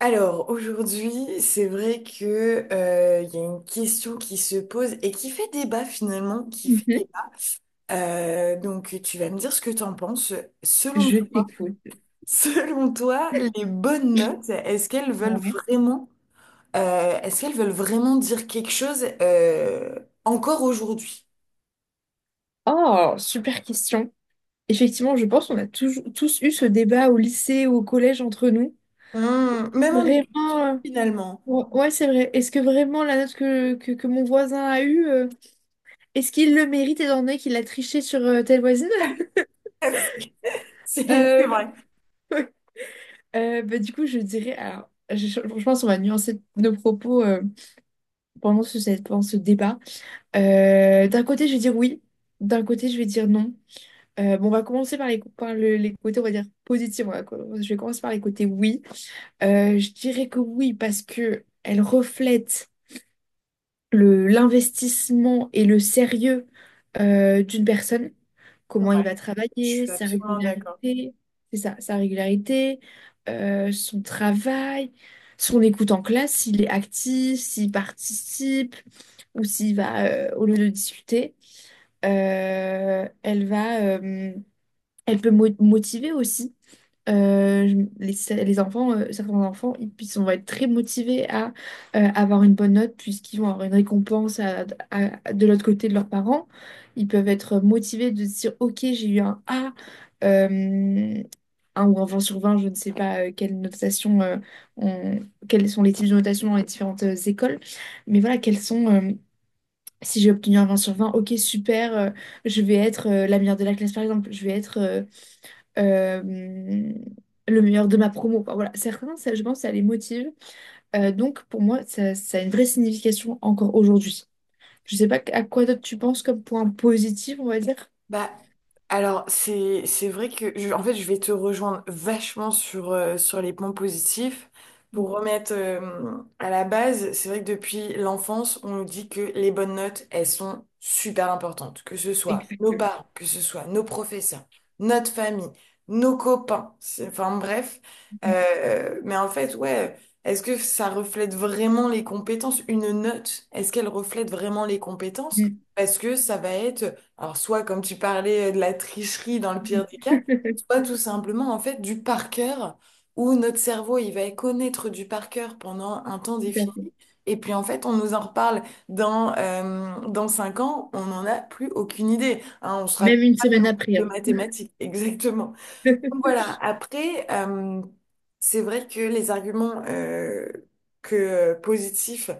Alors, aujourd'hui, c'est vrai que, il y a une question qui se pose et qui fait débat finalement, qui fait Mhm. débat. Donc, tu vas me dire ce que t'en penses. Selon, Je t'écoute. Selon toi, les bonnes notes, Ouais. Est-ce qu'elles veulent vraiment dire quelque chose, encore aujourd'hui? Oh, super question. Effectivement, je pense qu'on a toujours, tous eu ce débat au lycée ou au collège entre nous. Hmm, même en études, Vraiment, finalement. ouais, ouais, c'est vrai. Est-ce que vraiment la note que mon voisin a eue, est-ce qu'il le mérite étant donné qu'il a triché sur telle voisine? C'est Euh, vrai. Du coup, je dirais, alors, je pense qu'on va nuancer nos propos pendant pendant ce débat. D'un côté, je vais dire oui. D'un côté, je vais dire non. Bon, on va commencer par les côtés, on va dire, positifs. Je vais commencer par les côtés oui. Je dirais que oui, parce que elle reflète l'investissement et le sérieux d'une personne. C'est Comment il vrai. va Je travailler, suis sa absolument d'accord. régularité, c'est ça, sa régularité, son travail, son écoute en classe, s'il est actif, s'il participe ou s'il va, au lieu de discuter. Euh, elle va... euh, elle peut motiver aussi. Les enfants, certains enfants, ils vont être très motivés à avoir une bonne note puisqu'ils vont avoir une récompense de l'autre côté de leurs parents. Ils peuvent être motivés de se dire, OK, j'ai eu un A, euh, un ou un 20/20. Je ne sais pas quelle notation, on- quels sont les types de notation dans les différentes écoles. Mais voilà, si j'ai obtenu un 20/20, OK, super, je vais être la meilleure de la classe, par exemple, euh, le meilleur de ma promo, quoi. Voilà, certains, ça, je pense, ça les motive. Donc, pour moi, ça a une vraie signification encore aujourd'hui. Je sais pas à quoi d'autre tu penses comme point positif, on va dire. Bah, alors, c'est vrai que, en fait, je vais te rejoindre vachement sur, sur les points positifs. Pour remettre, à la base, c'est vrai que depuis l'enfance, on nous dit que les bonnes notes, elles sont super importantes. Que ce soit nos Exactement. parents, que ce soit nos professeurs, notre famille, nos copains. Enfin, bref. Mais en fait, ouais, est-ce que ça reflète vraiment les compétences? Une note, est-ce qu'elle reflète vraiment les compétences? Mm, Parce que ça va être alors, soit, comme tu parlais, de la tricherie dans le mm. pire des cas, soit tout simplement, en fait, du par cœur, où notre cerveau, il va connaître du par cœur pendant un temps Tout à fait. défini. Et puis, en fait, on nous en reparle dans 5 ans, on n'en a plus aucune idée. Hein, on ne se rappelle Même une pas de semaine nos cours après, de hein. mathématiques, exactement. Voilà, après, c'est vrai que les arguments que positifs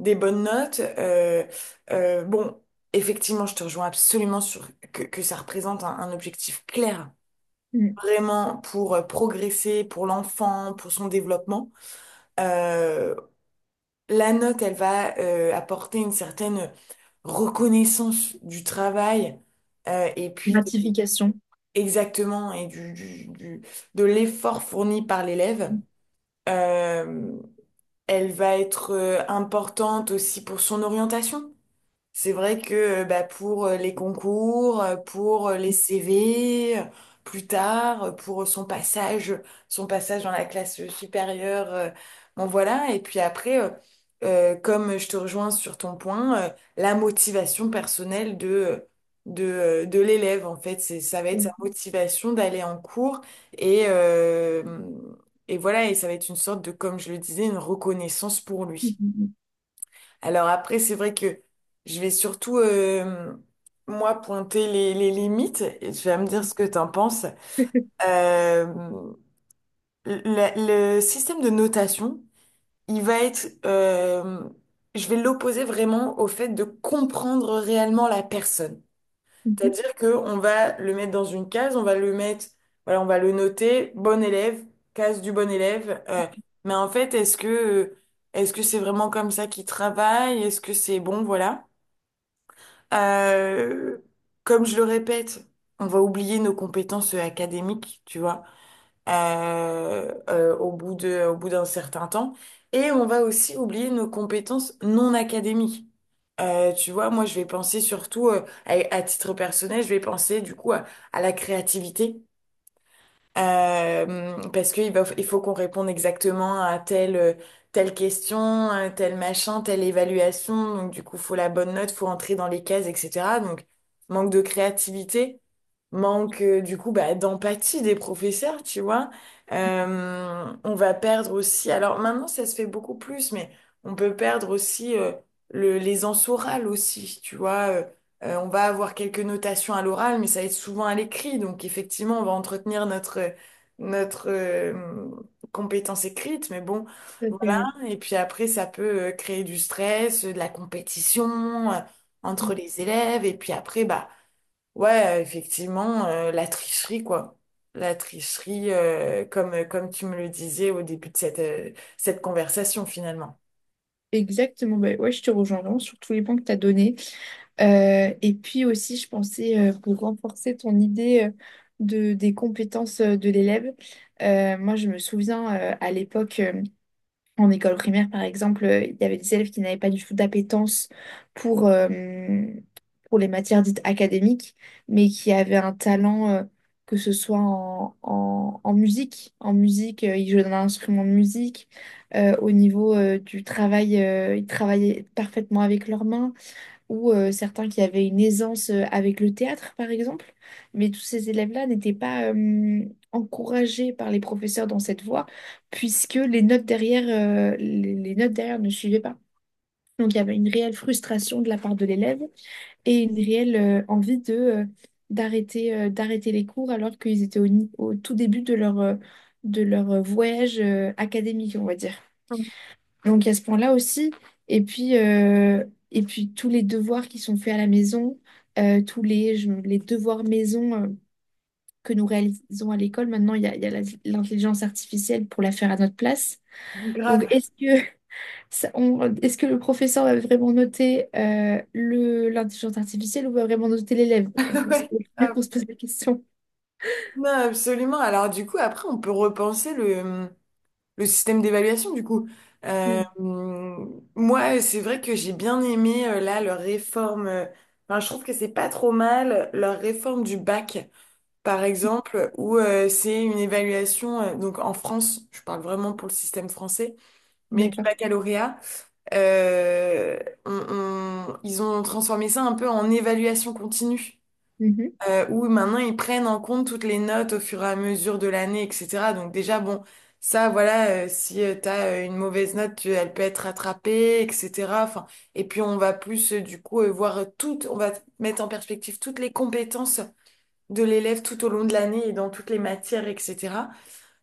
des bonnes notes, bon, effectivement, je te rejoins absolument sur que ça représente un objectif clair, Mm. vraiment pour progresser, pour l'enfant, pour son développement. Euh, la note, elle va apporter une certaine reconnaissance du travail euh, et puis de- Gratification. exactement et de l'effort fourni par l'élève. Mm. Euh, Elle va être importante aussi pour son orientation. C'est vrai que bah, pour les concours, pour les CV, plus tard, pour son passage dans la classe supérieure, bon voilà. Et puis après, comme je te rejoins sur ton point, la motivation personnelle de l'élève, en fait, ça va être sa Mm, motivation d'aller en cours et, euh, et voilà, et ça va être une sorte de, comme je le disais, une reconnaissance pour lui. mm, Alors après, c'est vrai que je vais surtout, moi, pointer les limites et tu vas me dire ce que t'en penses. Euh, le système de notation, il va être, je vais l'opposer vraiment au fait de comprendre réellement la personne. mm. Mhm. C'est-à-dire que on va le mettre dans une case, on va le mettre, voilà, on va le noter, bon élève, case du bon élève. Mais en fait, est-ce que c'est vraiment comme ça qu'il travaille? Est-ce que c'est bon, voilà. Euh, Comme je le répète, on va oublier nos compétences académiques, tu vois, au bout au bout d'un certain temps. Et on va aussi oublier nos compétences non académiques. Tu vois, moi, je vais penser surtout, à titre personnel, je vais penser du coup à la créativité. Parce qu'il va, il faut qu'on réponde exactement à telle question, à tel machin, telle évaluation. Donc, du coup, faut la bonne note, faut entrer dans les cases, etc. Donc, manque de créativité, du coup, bah, d'empathie des professeurs, tu vois. On va perdre aussi, alors maintenant, ça se fait beaucoup plus, mais on peut perdre aussi, les ans aussi, tu vois. On va avoir quelques notations à l'oral, mais ça va être souvent à l'écrit. Donc effectivement, on va entretenir notre, notre euh, compétence écrite, mais bon, Tout à fait, voilà. oui. Et puis après, ça peut créer du stress, de la compétition entre les élèves. Et puis après, bah ouais, effectivement, la tricherie, quoi. La tricherie, comme tu me le disais au début de cette conversation, finalement. Exactement, bah ouais, je te rejoins vraiment sur tous les points que tu as donnés. Et puis aussi, je pensais, pour renforcer ton idée des compétences de l'élève, moi je me souviens à l'époque, en école primaire, par exemple, il y avait des élèves qui n'avaient pas du tout d'appétence pour, euh, pour les matières dites académiques, mais qui avaient un talent, que ce soit en musique. En musique, ils jouaient d'un instrument de musique. Au niveau, du travail, ils travaillaient parfaitement avec leurs mains ou certains qui avaient une aisance avec le théâtre, par exemple. Mais tous ces élèves-là n'étaient pas encouragés par les professeurs dans cette voie, puisque les notes derrière ne suivaient pas. Donc il y avait une réelle frustration de la part de l'élève et une réelle envie de, d'arrêter d'arrêter les cours alors qu'ils étaient au, ni- au tout début de leur voyage académique, on va dire. Donc, il y a ce point-là aussi. Et puis, euh, et puis, tous les devoirs qui sont faits à la maison, les devoirs maison que nous réalisons à l'école, maintenant, il y a l'intelligence artificielle pour la faire à notre place. Mm. Donc, Grave. est-ce que, est-ce que le professeur va vraiment noter l'intelligence artificielle ou va vraiment noter l'élève? C'est Ouais, bien grave. qu'on se pose la question. Non, absolument. Alors du coup, après, on peut repenser le système d'évaluation du coup. Euh, Mm, Moi, c'est vrai que j'ai bien aimé là leur réforme. Enfin, je trouve que c'est pas trop mal leur réforme du bac, par exemple, où c'est une évaluation. Donc en France, je parle vraiment pour le système français, mais du d'accord. baccalauréat, euh, on- ils ont transformé ça un peu en évaluation continue Mhm. Où maintenant ils prennent en compte toutes les notes au fur et à mesure de l'année, etc. Donc déjà, bon, ça, voilà, si t'as une mauvaise note, elle peut être rattrapée, etc. Enfin, et puis on va plus, voir toutes, on va mettre en perspective toutes les compétences de l'élève tout au long de l'année et dans toutes les matières, etc.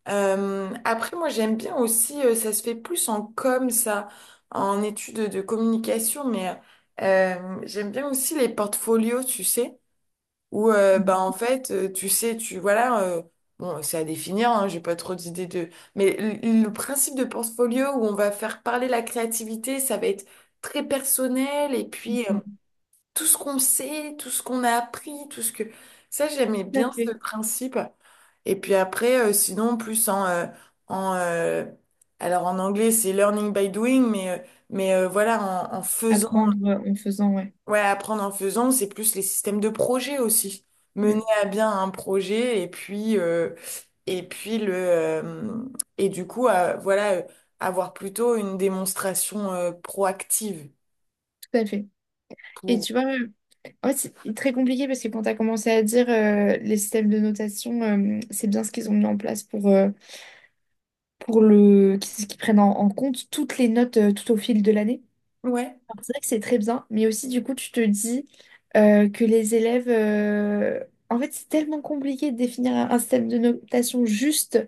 Après, moi, j'aime bien aussi, ça se fait plus en com, ça, en études de communication, mais... j'aime bien aussi les portfolios, tu sais où bah en fait tu sais tu voilà bon c'est à définir hein, j'ai pas trop d'idées de mais le principe de portfolio où on va faire parler la créativité ça va être très personnel et puis tout ce qu'on sait tout ce qu'on a appris tout ce que ça j'aimais Tout à bien ce fait. principe et puis après sinon plus en en alors en anglais c'est learning by doing mais voilà en, en faisant. Apprendre en faisant, ouais. Ouais, apprendre en faisant, c'est plus les systèmes de projet aussi. Mener Mm, à bien un projet et puis le et du coup voilà avoir plutôt une démonstration proactive tout à fait. Et pour tu vois, en fait, c'est très compliqué parce que quand tu as commencé à dire les systèmes de notation, c'est bien ce qu'ils ont mis en place pour le, qu'ils qu'ils prennent en compte toutes les notes tout au fil de l'année. ouais. Alors, c'est vrai que c'est très bien, mais aussi du coup tu te dis que les élèves... En fait c'est tellement compliqué de définir un système de notation juste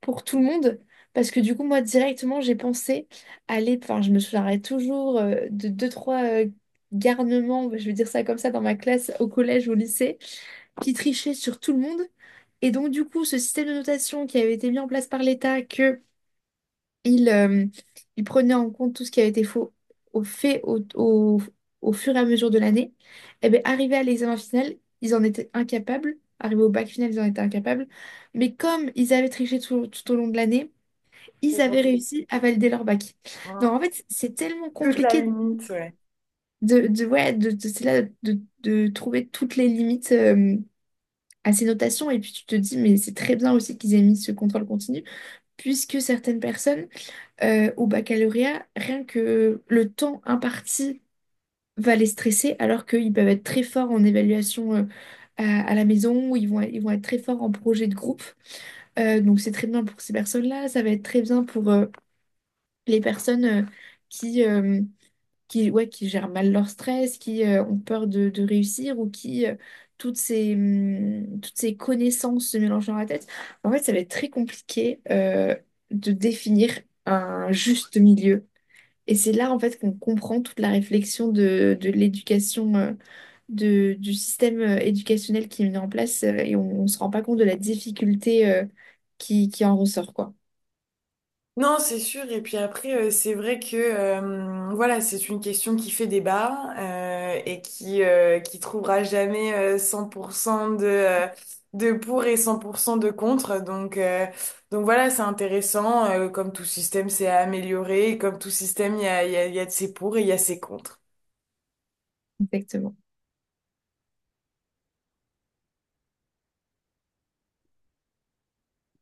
pour tout le monde, parce que du coup moi directement j'ai pensé aller... Enfin je me souviendrai toujours de deux, trois garnements, je vais dire ça comme ça, dans ma classe au collège, au lycée, qui trichaient sur tout le monde. Et donc du coup ce système de notation qui avait été mis en place par l'État, que il, euh, il prenait en compte tout ce qui avait été faux, au fait au, au- au fur et à mesure de l'année, et bien arrivé à l'examen final, ils en étaient incapables. Arrivé au bac final, ils en étaient incapables. Mais comme ils avaient triché tout au long de l'année, ils Et donc, avaient réussi à valider leur bac. euh, Donc en fait, c'est tellement toute la compliqué limite ouais. Ouais, c'est là, de trouver toutes les limites à ces notations. Et puis tu te dis, mais c'est très bien aussi qu'ils aient mis ce contrôle continu, puisque certaines personnes au baccalauréat, rien que le temps imparti va les stresser, alors qu'ils peuvent être très forts en évaluation à la maison, ou ils vont être très forts en projet de groupe. Donc c'est très bien pour ces personnes-là, ça va être très bien pour les personnes qui, euh, ouais, qui gèrent mal leur stress, qui ont peur de réussir, ou qui... Toutes ces connaissances se mélangent dans la tête. En fait, ça va être très compliqué de définir un juste milieu et c'est là, en fait, qu'on comprend toute la réflexion de l'éducation, du système éducationnel qui est mis en place, et on ne se rend pas compte de la difficulté, qui en ressort, quoi. Non, c'est sûr. Et puis après, c'est vrai que voilà, c'est une question qui fait débat et qui trouvera jamais 100% de de pour et 100% de contre. Donc voilà, c'est intéressant. Comme tout système, c'est à améliorer. Et comme tout système, il y a de ses pour et il y a ses contre. Exactement.